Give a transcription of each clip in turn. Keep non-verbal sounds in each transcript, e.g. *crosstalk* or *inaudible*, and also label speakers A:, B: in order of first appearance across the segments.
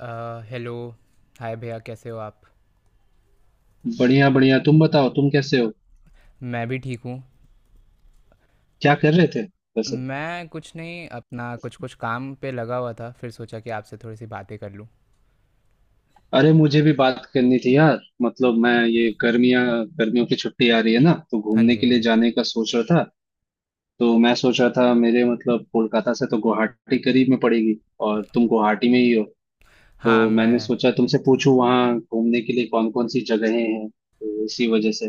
A: Hello. Hi भैया, कैसे हो आप?
B: बढ़िया बढ़िया, तुम बताओ, तुम कैसे हो।
A: मैं भी ठीक हूँ।
B: क्या कर रहे थे वैसे।
A: मैं कुछ नहीं, अपना कुछ कुछ काम पे लगा हुआ था, फिर सोचा कि आपसे थोड़ी सी बातें कर लूँ।
B: अरे, मुझे भी बात करनी थी यार। मतलब मैं ये गर्मियां गर्मियों की छुट्टी आ रही है ना, तो
A: हाँ
B: घूमने
A: जी,
B: के
A: हाँ
B: लिए
A: जी।
B: जाने का सोच रहा था। तो मैं सोच रहा था मेरे मतलब कोलकाता से तो गुवाहाटी करीब में पड़ेगी, और तुम गुवाहाटी में ही हो।
A: हाँ,
B: तो
A: मैं।
B: मैंने सोचा तुमसे पूछूं, वहाँ घूमने के लिए कौन कौन सी जगहें हैं, तो इसी वजह से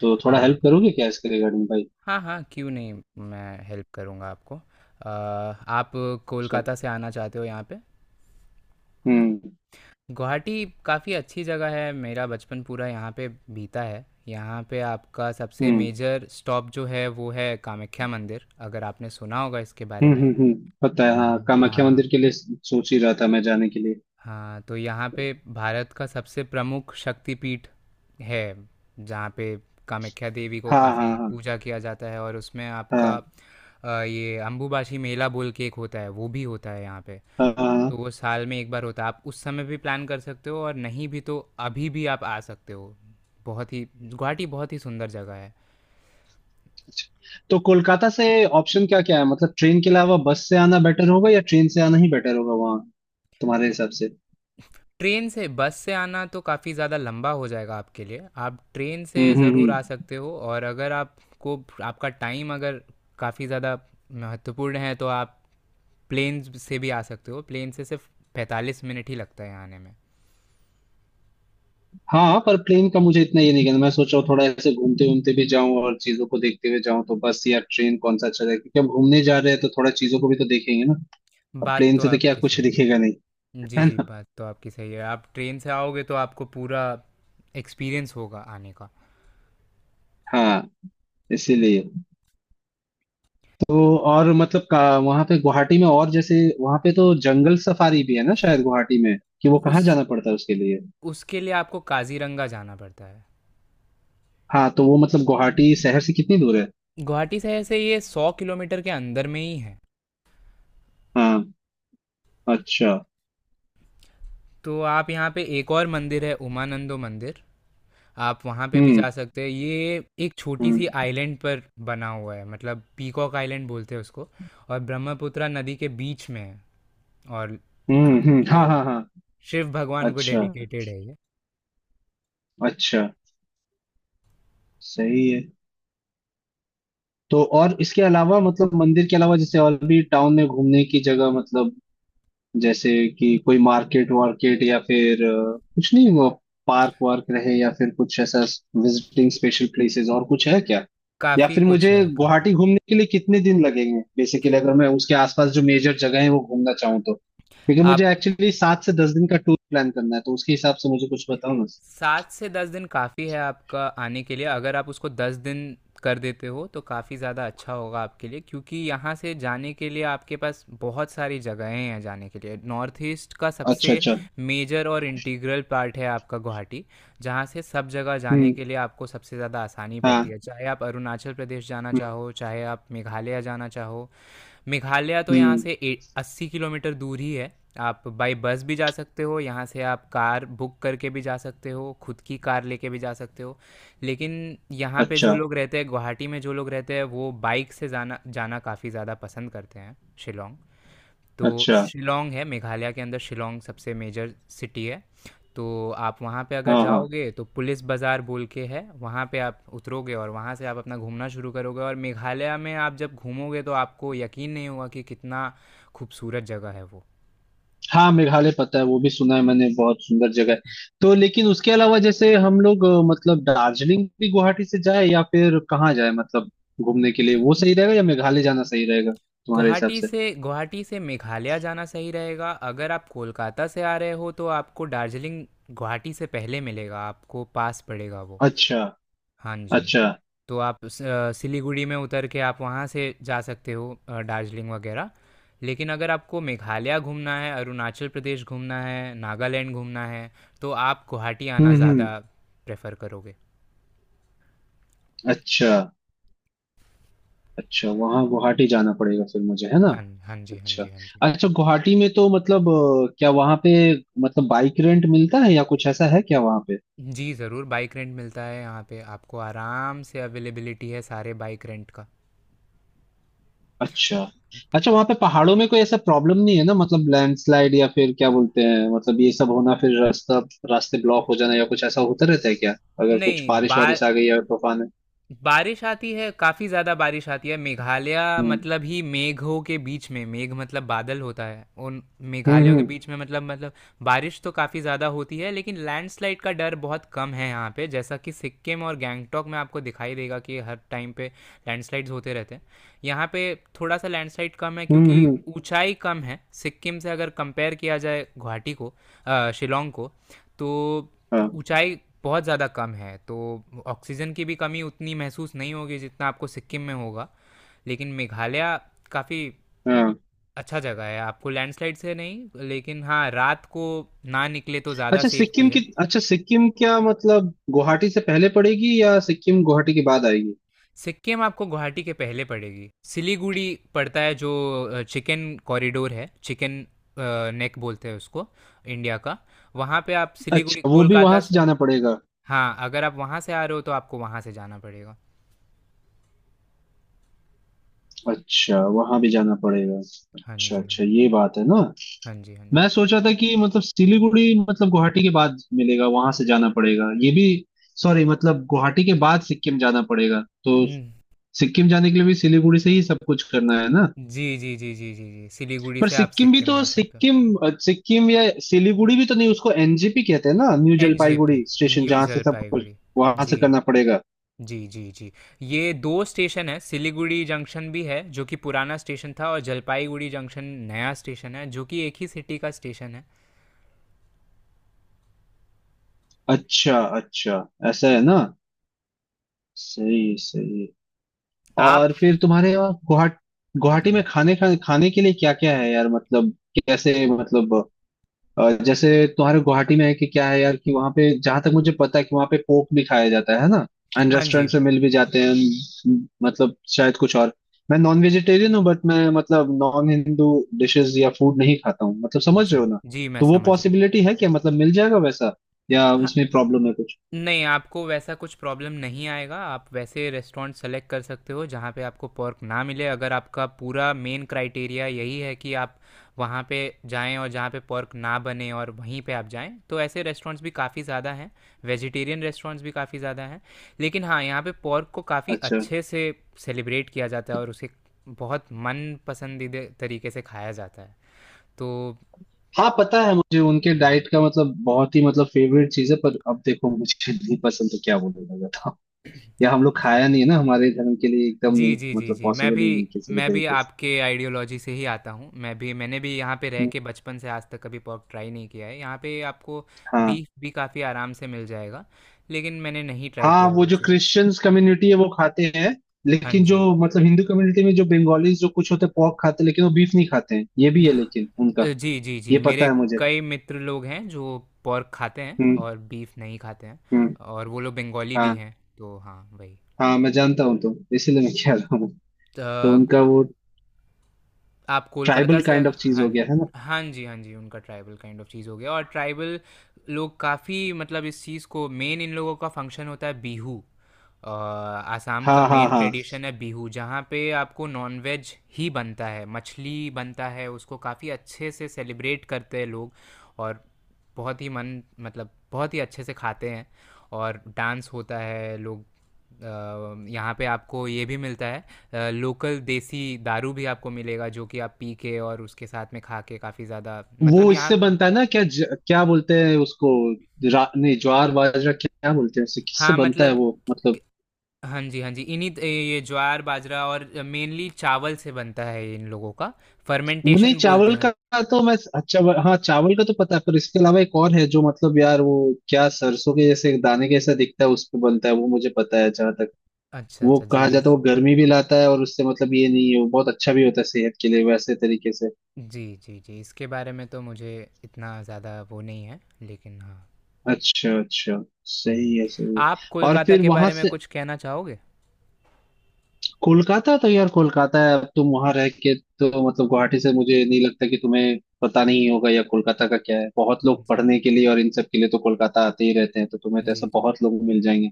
B: तो थोड़ा
A: हाँ
B: हेल्प करोगे क्या इसके रिगार्डिंग भाई।
A: हाँ, हाँ, क्यों नहीं, मैं हेल्प करूँगा आपको। आप
B: अच्छा।
A: कोलकाता से आना चाहते हो यहाँ पे।
B: हम्म।
A: गुवाहाटी काफ़ी अच्छी जगह है, मेरा बचपन पूरा यहाँ पे बीता है। यहाँ पे आपका सबसे
B: हम्म
A: मेजर स्टॉप जो है वो है कामाख्या मंदिर, अगर आपने सुना होगा इसके बारे में।
B: पता
A: अ,
B: है, हाँ कामाख्या
A: हाँ।
B: मंदिर के लिए सोच ही रहा था मैं जाने के लिए।
A: हाँ, तो यहाँ पे भारत का सबसे प्रमुख शक्तिपीठ है, जहाँ पे कामाख्या देवी को
B: हाँ
A: काफ़ी
B: हाँ।
A: पूजा किया जाता है। और उसमें आपका
B: हाँ।
A: ये अंबुबाची मेला बोल के एक होता है, वो भी होता है यहाँ पे।
B: हाँ हाँ।
A: तो वो साल में एक बार होता है, आप उस समय भी प्लान कर सकते हो, और नहीं भी तो अभी भी आप आ सकते हो। बहुत ही गुवाहाटी बहुत ही सुंदर जगह है।
B: अच्छा। तो कोलकाता से ऑप्शन क्या क्या है, मतलब ट्रेन के अलावा बस से आना बेटर होगा या ट्रेन से आना ही बेटर होगा वहाँ, तुम्हारे हिसाब से।
A: ट्रेन से बस से आना तो काफ़ी ज़्यादा लंबा हो जाएगा आपके लिए, आप ट्रेन से
B: हम्म हम्म
A: ज़रूर आ
B: हम्म।
A: सकते हो। और अगर आपको आपका टाइम अगर काफ़ी ज़्यादा महत्वपूर्ण है, तो आप प्लेन से भी आ सकते हो। प्लेन से सिर्फ 45 मिनट ही लगता है आने में।
B: हाँ पर प्लेन का मुझे इतना ये नहीं, कहना मैं सोच रहा हूँ थोड़ा ऐसे घूमते घूमते भी जाऊं और चीजों को देखते हुए जाऊं, तो बस या ट्रेन कौन सा अच्छा रहेगा, क्योंकि हम घूमने जा रहे हैं तो थोड़ा चीजों को भी तो देखेंगे ना। अब
A: बात
B: प्लेन
A: तो
B: से तो क्या
A: आपकी
B: कुछ
A: सही
B: दिखेगा
A: है।
B: नहीं,
A: जी
B: है
A: जी,
B: ना।
A: बात तो आपकी सही है। आप ट्रेन से आओगे तो आपको पूरा एक्सपीरियंस होगा आने का।
B: हाँ, इसीलिए। तो और मतलब का वहां पे गुवाहाटी में, और जैसे वहां पे तो जंगल सफारी भी है ना शायद गुवाहाटी में, कि वो कहाँ
A: उस
B: जाना पड़ता है उसके लिए।
A: उसके लिए आपको काजीरंगा जाना पड़ता है।
B: हाँ, तो वो मतलब गुवाहाटी शहर से कितनी दूर है।
A: गुवाहाटी शहर से ये 100 किलोमीटर के अंदर में ही है।
B: हाँ। अच्छा।
A: तो आप यहाँ पे एक और मंदिर है उमानंदो मंदिर, आप वहाँ पे भी
B: हम्म
A: जा सकते हैं। ये एक छोटी सी
B: हम्म
A: आइलैंड पर बना हुआ है, मतलब पीकॉक आइलैंड बोलते हैं उसको, और ब्रह्मपुत्रा नदी के बीच में है। और आपके
B: हाँ हाँ हाँ।
A: शिव भगवान को
B: अच्छा
A: डेडिकेटेड है ये।
B: अच्छा, सही है। तो और इसके अलावा मतलब मंदिर के अलावा जैसे और भी टाउन में घूमने की जगह, मतलब जैसे कि कोई मार्केट वार्केट या फिर कुछ नहीं वो पार्क वार्क रहे या फिर कुछ ऐसा विजिटिंग स्पेशल प्लेसेस और कुछ है क्या। या
A: काफ़ी
B: फिर
A: कुछ
B: मुझे
A: है काफ़ी।
B: गुवाहाटी घूमने के लिए कितने दिन लगेंगे बेसिकली, अगर मैं उसके आसपास जो मेजर जगह है वो घूमना चाहूँ तो, क्योंकि मुझे
A: आप
B: एक्चुअली 7 से 10 दिन का टूर प्लान करना है, तो उसके हिसाब से मुझे कुछ बताओ ना।
A: 7 से 10 दिन काफ़ी है आपका आने के लिए, अगर आप उसको 10 दिन कर देते हो, तो काफ़ी ज़्यादा अच्छा होगा आपके लिए, क्योंकि यहाँ से जाने के लिए आपके पास बहुत सारी जगहें हैं जाने के लिए। नॉर्थ ईस्ट का
B: अच्छा
A: सबसे
B: अच्छा।
A: मेजर और इंटीग्रल पार्ट है आपका गुवाहाटी, जहाँ से सब जगह जाने
B: हम्म।
A: के लिए आपको सबसे ज़्यादा आसानी पड़ती
B: हाँ।
A: है। चाहे आप अरुणाचल प्रदेश जाना
B: हम्म
A: चाहो, चाहे आप मेघालय जाना चाहो, मेघालय तो यहाँ
B: हम्म।
A: से 80 किलोमीटर दूर ही है। आप बाई बस भी जा सकते हो, यहाँ से आप कार बुक करके भी जा सकते हो, खुद की कार लेके भी जा सकते हो। लेकिन यहाँ पे जो
B: अच्छा
A: लोग रहते हैं, गुवाहाटी में जो लोग रहते हैं, वो बाइक से जाना जाना काफ़ी ज़्यादा पसंद करते हैं। शिलोंग तो
B: अच्छा।
A: शिलोंग है मेघालय के अंदर, शिलोंग सबसे मेजर सिटी है। तो आप वहाँ पे अगर
B: हाँ हाँ
A: जाओगे तो पुलिस बाज़ार बोल के है वहाँ पे, आप उतरोगे और वहाँ से आप अपना घूमना शुरू करोगे। और मेघालय में आप जब घूमोगे तो आपको यकीन नहीं होगा कि कितना खूबसूरत जगह है वो।
B: हाँ, मेघालय पता है, वो भी सुना है मैंने, बहुत सुंदर जगह है। तो लेकिन उसके अलावा जैसे हम लोग मतलब दार्जिलिंग भी गुवाहाटी से जाए या फिर कहाँ जाए, मतलब घूमने के लिए वो सही रहेगा या मेघालय जाना सही रहेगा, तुम्हारे हिसाब
A: गुवाहाटी
B: से।
A: से गुवाहाटी से मेघालय जाना सही रहेगा। अगर आप कोलकाता से आ रहे हो, तो आपको दार्जिलिंग गुवाहाटी से पहले मिलेगा, आपको पास पड़ेगा वो।
B: अच्छा।
A: हाँ जी।
B: अच्छा।
A: तो आप सिलीगुड़ी में उतर के आप वहाँ से जा सकते हो दार्जिलिंग वगैरह। लेकिन अगर आपको मेघालय घूमना है, अरुणाचल प्रदेश घूमना है, नागालैंड घूमना है, तो आप गुवाहाटी आना
B: हम्म।
A: ज़्यादा प्रेफर करोगे।
B: अच्छा। अच्छा, वहाँ गुवाहाटी जाना पड़ेगा फिर मुझे, है ना।
A: हाँ हाँ जी, हाँ
B: अच्छा।
A: जी, हाँ जी।
B: अच्छा, गुवाहाटी में तो मतलब क्या वहाँ पे मतलब बाइक रेंट मिलता है या कुछ ऐसा है क्या वहाँ पे।
A: जी ज़रूर, बाइक रेंट मिलता है यहाँ पे, आपको आराम से अवेलेबिलिटी है सारे बाइक रेंट का।
B: अच्छा। अच्छा, वहां पे पहाड़ों में कोई ऐसा प्रॉब्लम नहीं है ना, मतलब लैंडस्लाइड या फिर क्या बोलते हैं, मतलब ये सब होना, फिर रास्ता रास्ते ब्लॉक हो जाना या कुछ ऐसा होता रहता है क्या, अगर कुछ
A: नहीं
B: बारिश
A: बा
B: वारिश आ गई या तूफान है।
A: बारिश आती है, काफ़ी ज़्यादा बारिश आती है। मेघालय
B: हम्म।
A: मतलब ही मेघों के बीच में, मेघ मतलब बादल होता है, उन
B: हम्म हम्म
A: मेघालयों के बीच में, मतलब बारिश तो काफ़ी ज़्यादा होती है। लेकिन लैंडस्लाइड का डर बहुत कम है यहाँ पे, जैसा कि सिक्किम और गैंगटॉक में आपको दिखाई देगा कि हर टाइम पे लैंडस्लाइड्स होते रहते हैं। यहाँ पे थोड़ा सा लैंडस्लाइड कम है,
B: हम्म
A: क्योंकि
B: हम्म,
A: ऊंचाई कम है सिक्किम से। अगर कंपेयर किया जाए गुवाहाटी को, शिलोंग को, तो
B: हाँ
A: ऊँचाई बहुत ज़्यादा कम है। तो ऑक्सीजन की भी कमी उतनी महसूस नहीं होगी जितना आपको सिक्किम में होगा। लेकिन मेघालय काफ़ी
B: हाँ।
A: अच्छा जगह है, आपको लैंडस्लाइड से नहीं, लेकिन हाँ, रात को ना निकले तो ज़्यादा
B: अच्छा
A: सेफ्टी
B: सिक्किम की,
A: है।
B: अच्छा सिक्किम क्या मतलब गुवाहाटी से पहले पड़ेगी या सिक्किम गुवाहाटी के बाद आएगी।
A: सिक्किम आपको गुवाहाटी के पहले पड़ेगी। सिलीगुड़ी पड़ता है, जो चिकन कॉरिडोर है, चिकन नेक बोलते हैं उसको, इंडिया का। वहाँ पे आप सिलीगुड़ी
B: अच्छा, वो भी वहां
A: कोलकाता
B: से
A: से।
B: जाना पड़ेगा।
A: हाँ, अगर आप वहाँ से आ रहे हो तो आपको वहाँ से जाना पड़ेगा।
B: अच्छा, वहां भी जाना पड़ेगा।
A: हाँ
B: अच्छा
A: जी, हाँ
B: अच्छा,
A: जी।
B: ये बात है ना।
A: हाँ जी, हाँ जी।
B: मैं सोचा था कि मतलब सिलीगुड़ी मतलब गुवाहाटी के बाद मिलेगा, वहां से जाना पड़ेगा ये भी। सॉरी, मतलब गुवाहाटी के बाद सिक्किम जाना पड़ेगा तो।
A: हम्म।
B: सिक्किम जाने के लिए भी सिलीगुड़ी से ही सब कुछ करना है ना।
A: जी जी जी, जी जी जी, सिलीगुड़ी
B: पर
A: से आप सिक्किम जा सकते हो।
B: सिक्किम या सिलीगुड़ी भी तो नहीं उसको एनजेपी कहते हैं ना, new
A: NJP,
B: Jalpaiguri station,
A: new
B: जहां से सब कुछ
A: जलपाईगुड़ी।
B: वहां से
A: जी।
B: करना पड़ेगा।
A: जी जी जी। ये दो स्टेशन है, सिलीगुड़ी जंक्शन भी है जो कि पुराना स्टेशन था, और जलपाईगुड़ी जंक्शन नया स्टेशन है, जो कि एक ही सिटी का स्टेशन है।
B: अच्छा अच्छा, ऐसा है ना। सही सही।
A: आप
B: और फिर तुम्हारे यहाँ गुवाहाटी गुवाहाटी में
A: हाँ।
B: खाने खाने खाने के लिए क्या क्या है यार, मतलब कैसे, मतलब जैसे तुम्हारे गुवाहाटी में है कि क्या है यार, कि वहां पे जहां तक मुझे पता है कि वहां पे पोक भी खाया जाता है ना, एंड
A: हाँ जी।
B: रेस्टोरेंट से मिल भी जाते हैं and मतलब शायद कुछ और। मैं नॉन वेजिटेरियन हूँ बट मैं मतलब नॉन हिंदू डिशेस या फूड नहीं खाता हूँ, मतलब समझ
A: जी,
B: रहे हो ना।
A: जी मैं
B: तो वो
A: समझ रहा हूँ।
B: पॉसिबिलिटी है क्या, मतलब मिल जाएगा वैसा या
A: हाँ,
B: उसमें प्रॉब्लम है कुछ।
A: नहीं, आपको वैसा कुछ प्रॉब्लम नहीं आएगा। आप वैसे रेस्टोरेंट सेलेक्ट कर सकते हो जहाँ पे आपको पोर्क ना मिले। अगर आपका पूरा मेन क्राइटेरिया यही है कि आप वहाँ पे जाएँ और जहाँ पे पोर्क ना बने और वहीं पे आप जाएँ, तो ऐसे रेस्टोरेंट्स भी काफ़ी ज़्यादा हैं। वेजिटेरियन रेस्टोरेंट्स भी काफ़ी ज़्यादा हैं। लेकिन हाँ, यहाँ पे पोर्क को काफ़ी
B: अच्छा।
A: अच्छे से सेलिब्रेट किया जाता है, और उसे बहुत मन पसंदीदा तरीके से खाया जाता है। तो
B: हाँ पता है मुझे उनके
A: हुँ।
B: डाइट का, मतलब बहुत ही मतलब फेवरेट चीज है, पर अब देखो मुझे नहीं पसंद तो क्या बोलूंगा। या हम
A: *clears throat*
B: लोग
A: जी।
B: खाया नहीं है ना, हमारे धर्म के लिए एकदम
A: जी,
B: नहीं,
A: जी, जी,
B: मतलब
A: जी। मैं
B: पॉसिबल
A: भी
B: ही नहीं किसी के
A: मैं भी
B: तरीके से।
A: आपके आइडियोलॉजी से ही आता हूँ। मैं भी, मैंने भी यहाँ पे रह
B: हम्म,
A: के बचपन से आज तक कभी पोर्क ट्राई नहीं किया है। यहाँ पे आपको
B: हाँ
A: बीफ भी काफ़ी आराम से मिल जाएगा, लेकिन मैंने नहीं ट्राई
B: हाँ।
A: किया है
B: वो
A: वो
B: जो
A: चीज़।
B: क्रिश्चियंस कम्युनिटी है वो खाते हैं,
A: हाँ
B: लेकिन जो
A: जी।
B: मतलब हिंदू कम्युनिटी में जो बंगालीज जो कुछ होते हैं पोर्क खाते हैं, लेकिन वो बीफ नहीं खाते हैं, ये भी है,
A: ना-
B: लेकिन उनका
A: जी, जी, जी।
B: ये पता
A: मेरे
B: है मुझे।
A: कई मित्र लोग हैं जो पोर्क खाते हैं
B: हम्म
A: और बीफ नहीं खाते हैं,
B: हम्म।
A: और वो लोग बंगाली भी
B: हाँ,
A: हैं, तो हाँ, वही।
B: हाँ मैं जानता हूँ, तो इसीलिए मैं कह रहा हूँ। तो
A: त
B: उनका वो
A: आप कोलकाता
B: ट्राइबल
A: से
B: काइंड ऑफ चीज
A: हाँ
B: हो
A: जी।
B: गया है ना।
A: हाँ जी, हाँ जी, उनका ट्राइबल काइंड ऑफ चीज़ हो गया। और ट्राइबल लोग काफ़ी, मतलब इस चीज़ को, मेन इन लोगों का फंक्शन होता है बिहू। आसाम का
B: हाँ हाँ
A: मेन
B: हाँ।
A: ट्रेडिशन है बिहू, जहाँ पे आपको नॉनवेज ही बनता है, मछली बनता है, उसको काफ़ी अच्छे से सेलिब्रेट करते हैं लोग। और बहुत ही मन, मतलब बहुत ही अच्छे से खाते हैं और डांस होता है लोग। यहाँ पे आपको ये भी मिलता है, लोकल देसी दारू भी आपको मिलेगा, जो कि आप पी के और उसके साथ में खा के काफ़ी ज़्यादा, मतलब
B: वो
A: यहाँ
B: इससे
A: का
B: बनता है ना, क्या बोलते हैं उसको, नहीं ज्वार बाजरा क्या बोलते हैं, उससे किससे
A: हाँ,
B: बनता है
A: मतलब
B: वो,
A: क-
B: मतलब।
A: हाँ जी, हाँ जी, ये ज्वार बाजरा और मेनली चावल से बनता है, इन लोगों का
B: नहीं,
A: फर्मेंटेशन बोलते
B: चावल का।
A: हैं।
B: हाँ, चावल का तो पता है, पर इसके अलावा एक और है जो मतलब यार वो क्या सरसों के जैसे दाने के जैसा दिखता है उस पे बनता है वो, मुझे पता है जहां तक।
A: अच्छा
B: वो
A: अच्छा जी।
B: कहा जाता है वो गर्मी भी लाता है, और उससे मतलब ये नहीं है, वो बहुत अच्छा भी होता है सेहत के लिए वैसे तरीके से।
A: जी जी, जी इसके बारे में तो मुझे इतना ज़्यादा वो नहीं है, लेकिन हाँ।
B: अच्छा अच्छा,
A: हम्म।
B: सही है सही है।
A: आप
B: और
A: कोलकाता
B: फिर
A: के
B: वहां
A: बारे में
B: से
A: कुछ कहना चाहोगे?
B: कोलकाता, तो यार कोलकाता है, अब तुम वहां रह के तो मतलब गुवाहाटी से, मुझे नहीं लगता कि तुम्हें पता नहीं होगा या कोलकाता का क्या है, बहुत लोग
A: जी
B: पढ़ने के लिए और इन सब के लिए तो कोलकाता आते ही रहते हैं, तो तुम्हें तो
A: जी
B: ऐसा
A: जी,
B: बहुत लोग मिल जाएंगे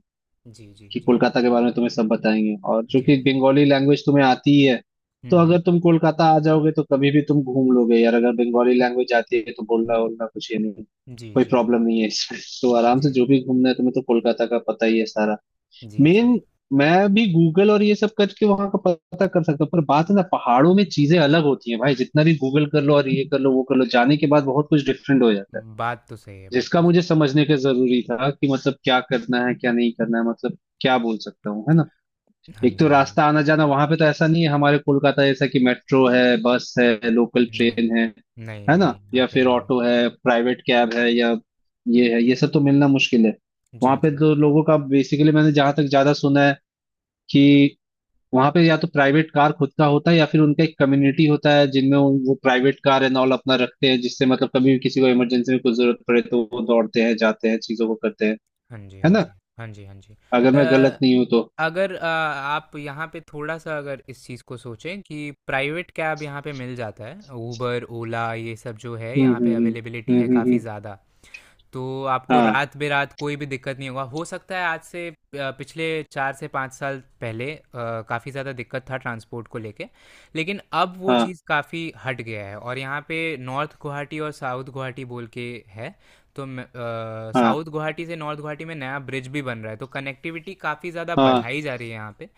A: जी जी
B: कि
A: जी
B: कोलकाता के बारे में तुम्हें सब बताएंगे, और चूंकि
A: जी।
B: बंगाली लैंग्वेज तुम्हें आती ही है, तो
A: हम्म।
B: अगर तुम कोलकाता आ जाओगे तो कभी भी तुम घूम लोगे यार, अगर बंगाली लैंग्वेज आती है तो बोलना बोलना कुछ ये नहीं,
A: जी,
B: कोई
A: जी, जी।
B: प्रॉब्लम नहीं है इसमें, तो आराम से
A: जी।
B: जो भी घूमना है, तुम्हें तो कोलकाता का पता ही है सारा
A: जी, जी।
B: मेन। मैं भी गूगल और ये सब करके वहां का पता कर सकता हूँ, पर बात है ना पहाड़ों में चीजें अलग होती हैं भाई, जितना भी गूगल कर लो और ये कर लो वो कर लो, जाने के बाद बहुत कुछ डिफरेंट हो जाता है,
A: बात तो सही है, बात
B: जिसका
A: तो सही
B: मुझे समझने का जरूरी था कि मतलब क्या करना है क्या नहीं करना है, मतलब क्या बोल सकता हूँ, है ना।
A: है। हाँ
B: एक तो
A: जी, हाँ जी।
B: रास्ता आना जाना वहां पे, तो ऐसा नहीं है हमारे कोलकाता जैसा कि मेट्रो है, बस है, लोकल
A: नहीं।
B: ट्रेन है
A: नहीं,
B: है ना,
A: नहीं, यहाँ
B: या
A: पे
B: फिर
A: नहीं।
B: ऑटो है, प्राइवेट कैब है, या ये है, ये सब तो मिलना मुश्किल है वहां
A: जी,
B: पे,
A: जी।
B: तो लोगों का बेसिकली मैंने जहां तक ज्यादा सुना है कि वहां पे या तो प्राइवेट कार खुद का होता है, या फिर उनका एक कम्युनिटी होता है जिनमें वो प्राइवेट कार एंड ऑल अपना रखते हैं, जिससे मतलब कभी भी किसी को इमरजेंसी में कुछ जरूरत पड़े तो वो दौड़ते हैं जाते हैं चीजों को करते हैं,
A: हाँ जी, हाँ
B: है ना,
A: जी। हाँ जी, हाँ जी।
B: अगर मैं गलत नहीं हूँ तो।
A: अगर आप यहाँ पे थोड़ा-सा अगर इस चीज़ को सोचें, कि प्राइवेट कैब यहाँ पे मिल जाता है, उबर, ओला ये सब जो है,
B: हम्म
A: यहाँ
B: हम्म
A: पे
B: हम्म
A: अवेलेबिलिटी
B: हम्म
A: है
B: हम्म
A: काफ़ी
B: हम्म,
A: ज़्यादा। तो आपको
B: हाँ
A: रात बेरात कोई भी दिक्कत नहीं होगा। हो सकता है आज से, पिछले 4 से 5 साल पहले काफ़ी ज़्यादा दिक्कत था ट्रांसपोर्ट को लेके, लेकिन अब वो
B: हाँ
A: चीज़ काफ़ी हट गया है। और यहाँ पे नॉर्थ गुवाहाटी और साउथ गुवाहाटी बोल के है, तो
B: हाँ
A: साउथ गुवाहाटी से नॉर्थ गुवाहाटी में नया ब्रिज भी बन रहा है, तो कनेक्टिविटी काफ़ी ज़्यादा
B: हाँ।
A: बढ़ाई जा रही है यहाँ पे।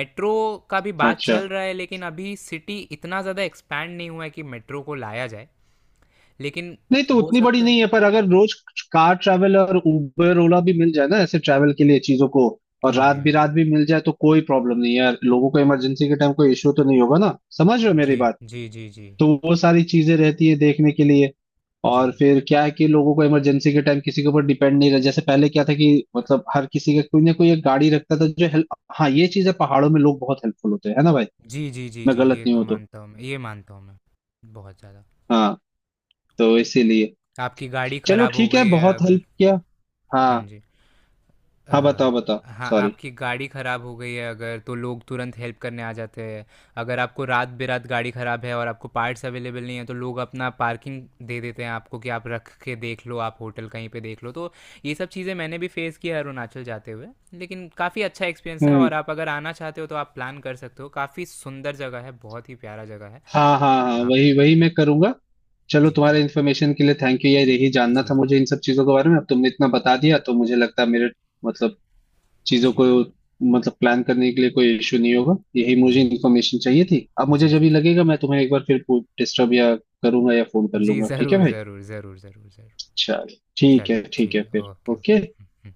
A: मेट्रो का भी बात
B: अच्छा,
A: चल रहा है, लेकिन अभी सिटी इतना ज़्यादा एक्सपैंड नहीं हुआ है कि मेट्रो को लाया जाए, लेकिन
B: नहीं तो
A: हो
B: उतनी बड़ी
A: सकता है।
B: नहीं है, पर अगर रोज कार ट्रैवल और उबर ओला भी मिल जाए ना ऐसे ट्रैवल के लिए चीजों को, और
A: हाँ
B: रात
A: जी, हाँ
B: भी
A: जी।
B: रात भी मिल जाए, तो कोई प्रॉब्लम नहीं है यार, लोगों को इमरजेंसी के टाइम कोई इश्यू तो नहीं होगा ना, समझ रहे हो मेरी
A: जी
B: बात।
A: जी जी, जी
B: तो वो सारी चीजें रहती है देखने के लिए,
A: जी
B: और फिर क्या है कि लोगों को इमरजेंसी के टाइम किसी के ऊपर डिपेंड नहीं रह, जैसे पहले क्या था कि मतलब हर किसी का कोई ना कोई एक गाड़ी रखता था जो हेल्प, हाँ ये चीज है पहाड़ों में लोग बहुत हेल्पफुल होते हैं, है ना भाई,
A: जी, जी जी
B: मैं
A: जी
B: गलत
A: ये
B: नहीं
A: तो
B: हूँ तो।
A: मानता हूँ मैं, ये मानता हूँ मैं, बहुत ज़्यादा।
B: हाँ, तो इसीलिए
A: आपकी गाड़ी
B: चलो
A: खराब हो
B: ठीक है,
A: गई है
B: बहुत
A: अगर,
B: हेल्प किया।
A: हाँ
B: हाँ,
A: जी।
B: हाँ
A: अ,
B: बताओ बताओ।
A: हाँ,
B: सॉरी।
A: आपकी गाड़ी ख़राब हो गई है अगर, तो लोग तुरंत हेल्प करने आ जाते हैं। अगर आपको रात बेरात गाड़ी ख़राब है और आपको पार्ट्स अवेलेबल नहीं है, तो लोग अपना पार्किंग दे देते हैं आपको, कि आप रख के देख लो, आप होटल कहीं पे देख लो। तो ये सब चीज़ें मैंने भी फेस किया है अरुणाचल जाते हुए, लेकिन काफ़ी अच्छा एक्सपीरियंस था। और
B: हम्म।
A: आप अगर आना चाहते हो तो आप प्लान कर सकते हो, काफ़ी सुंदर जगह है, बहुत ही प्यारा जगह है।
B: हाँ हाँ हाँ,
A: आप
B: वही वही मैं करूंगा। चलो
A: जी,
B: तुम्हारे
A: जी
B: इन्फॉर्मेशन के लिए थैंक यू यार, यही जानना था
A: जी
B: मुझे इन सब चीजों के बारे में, अब तुमने इतना बता दिया तो मुझे लगता है मेरे मतलब चीजों
A: जी,
B: को मतलब प्लान करने के लिए कोई इश्यू नहीं होगा, यही मुझे
A: जी
B: इन्फॉर्मेशन चाहिए थी। अब मुझे
A: जी
B: जब
A: जी
B: भी लगेगा मैं तुम्हें एक बार फिर डिस्टर्ब या करूंगा या फोन कर
A: जी।
B: लूंगा, ठीक है
A: ज़रूर
B: भाई।
A: ज़रूर ज़रूर ज़रूर ज़रूर।
B: चलो ठीक है,
A: चलिए
B: ठीक
A: ठीक
B: है
A: है,
B: फिर,
A: ओके ओके।
B: ओके।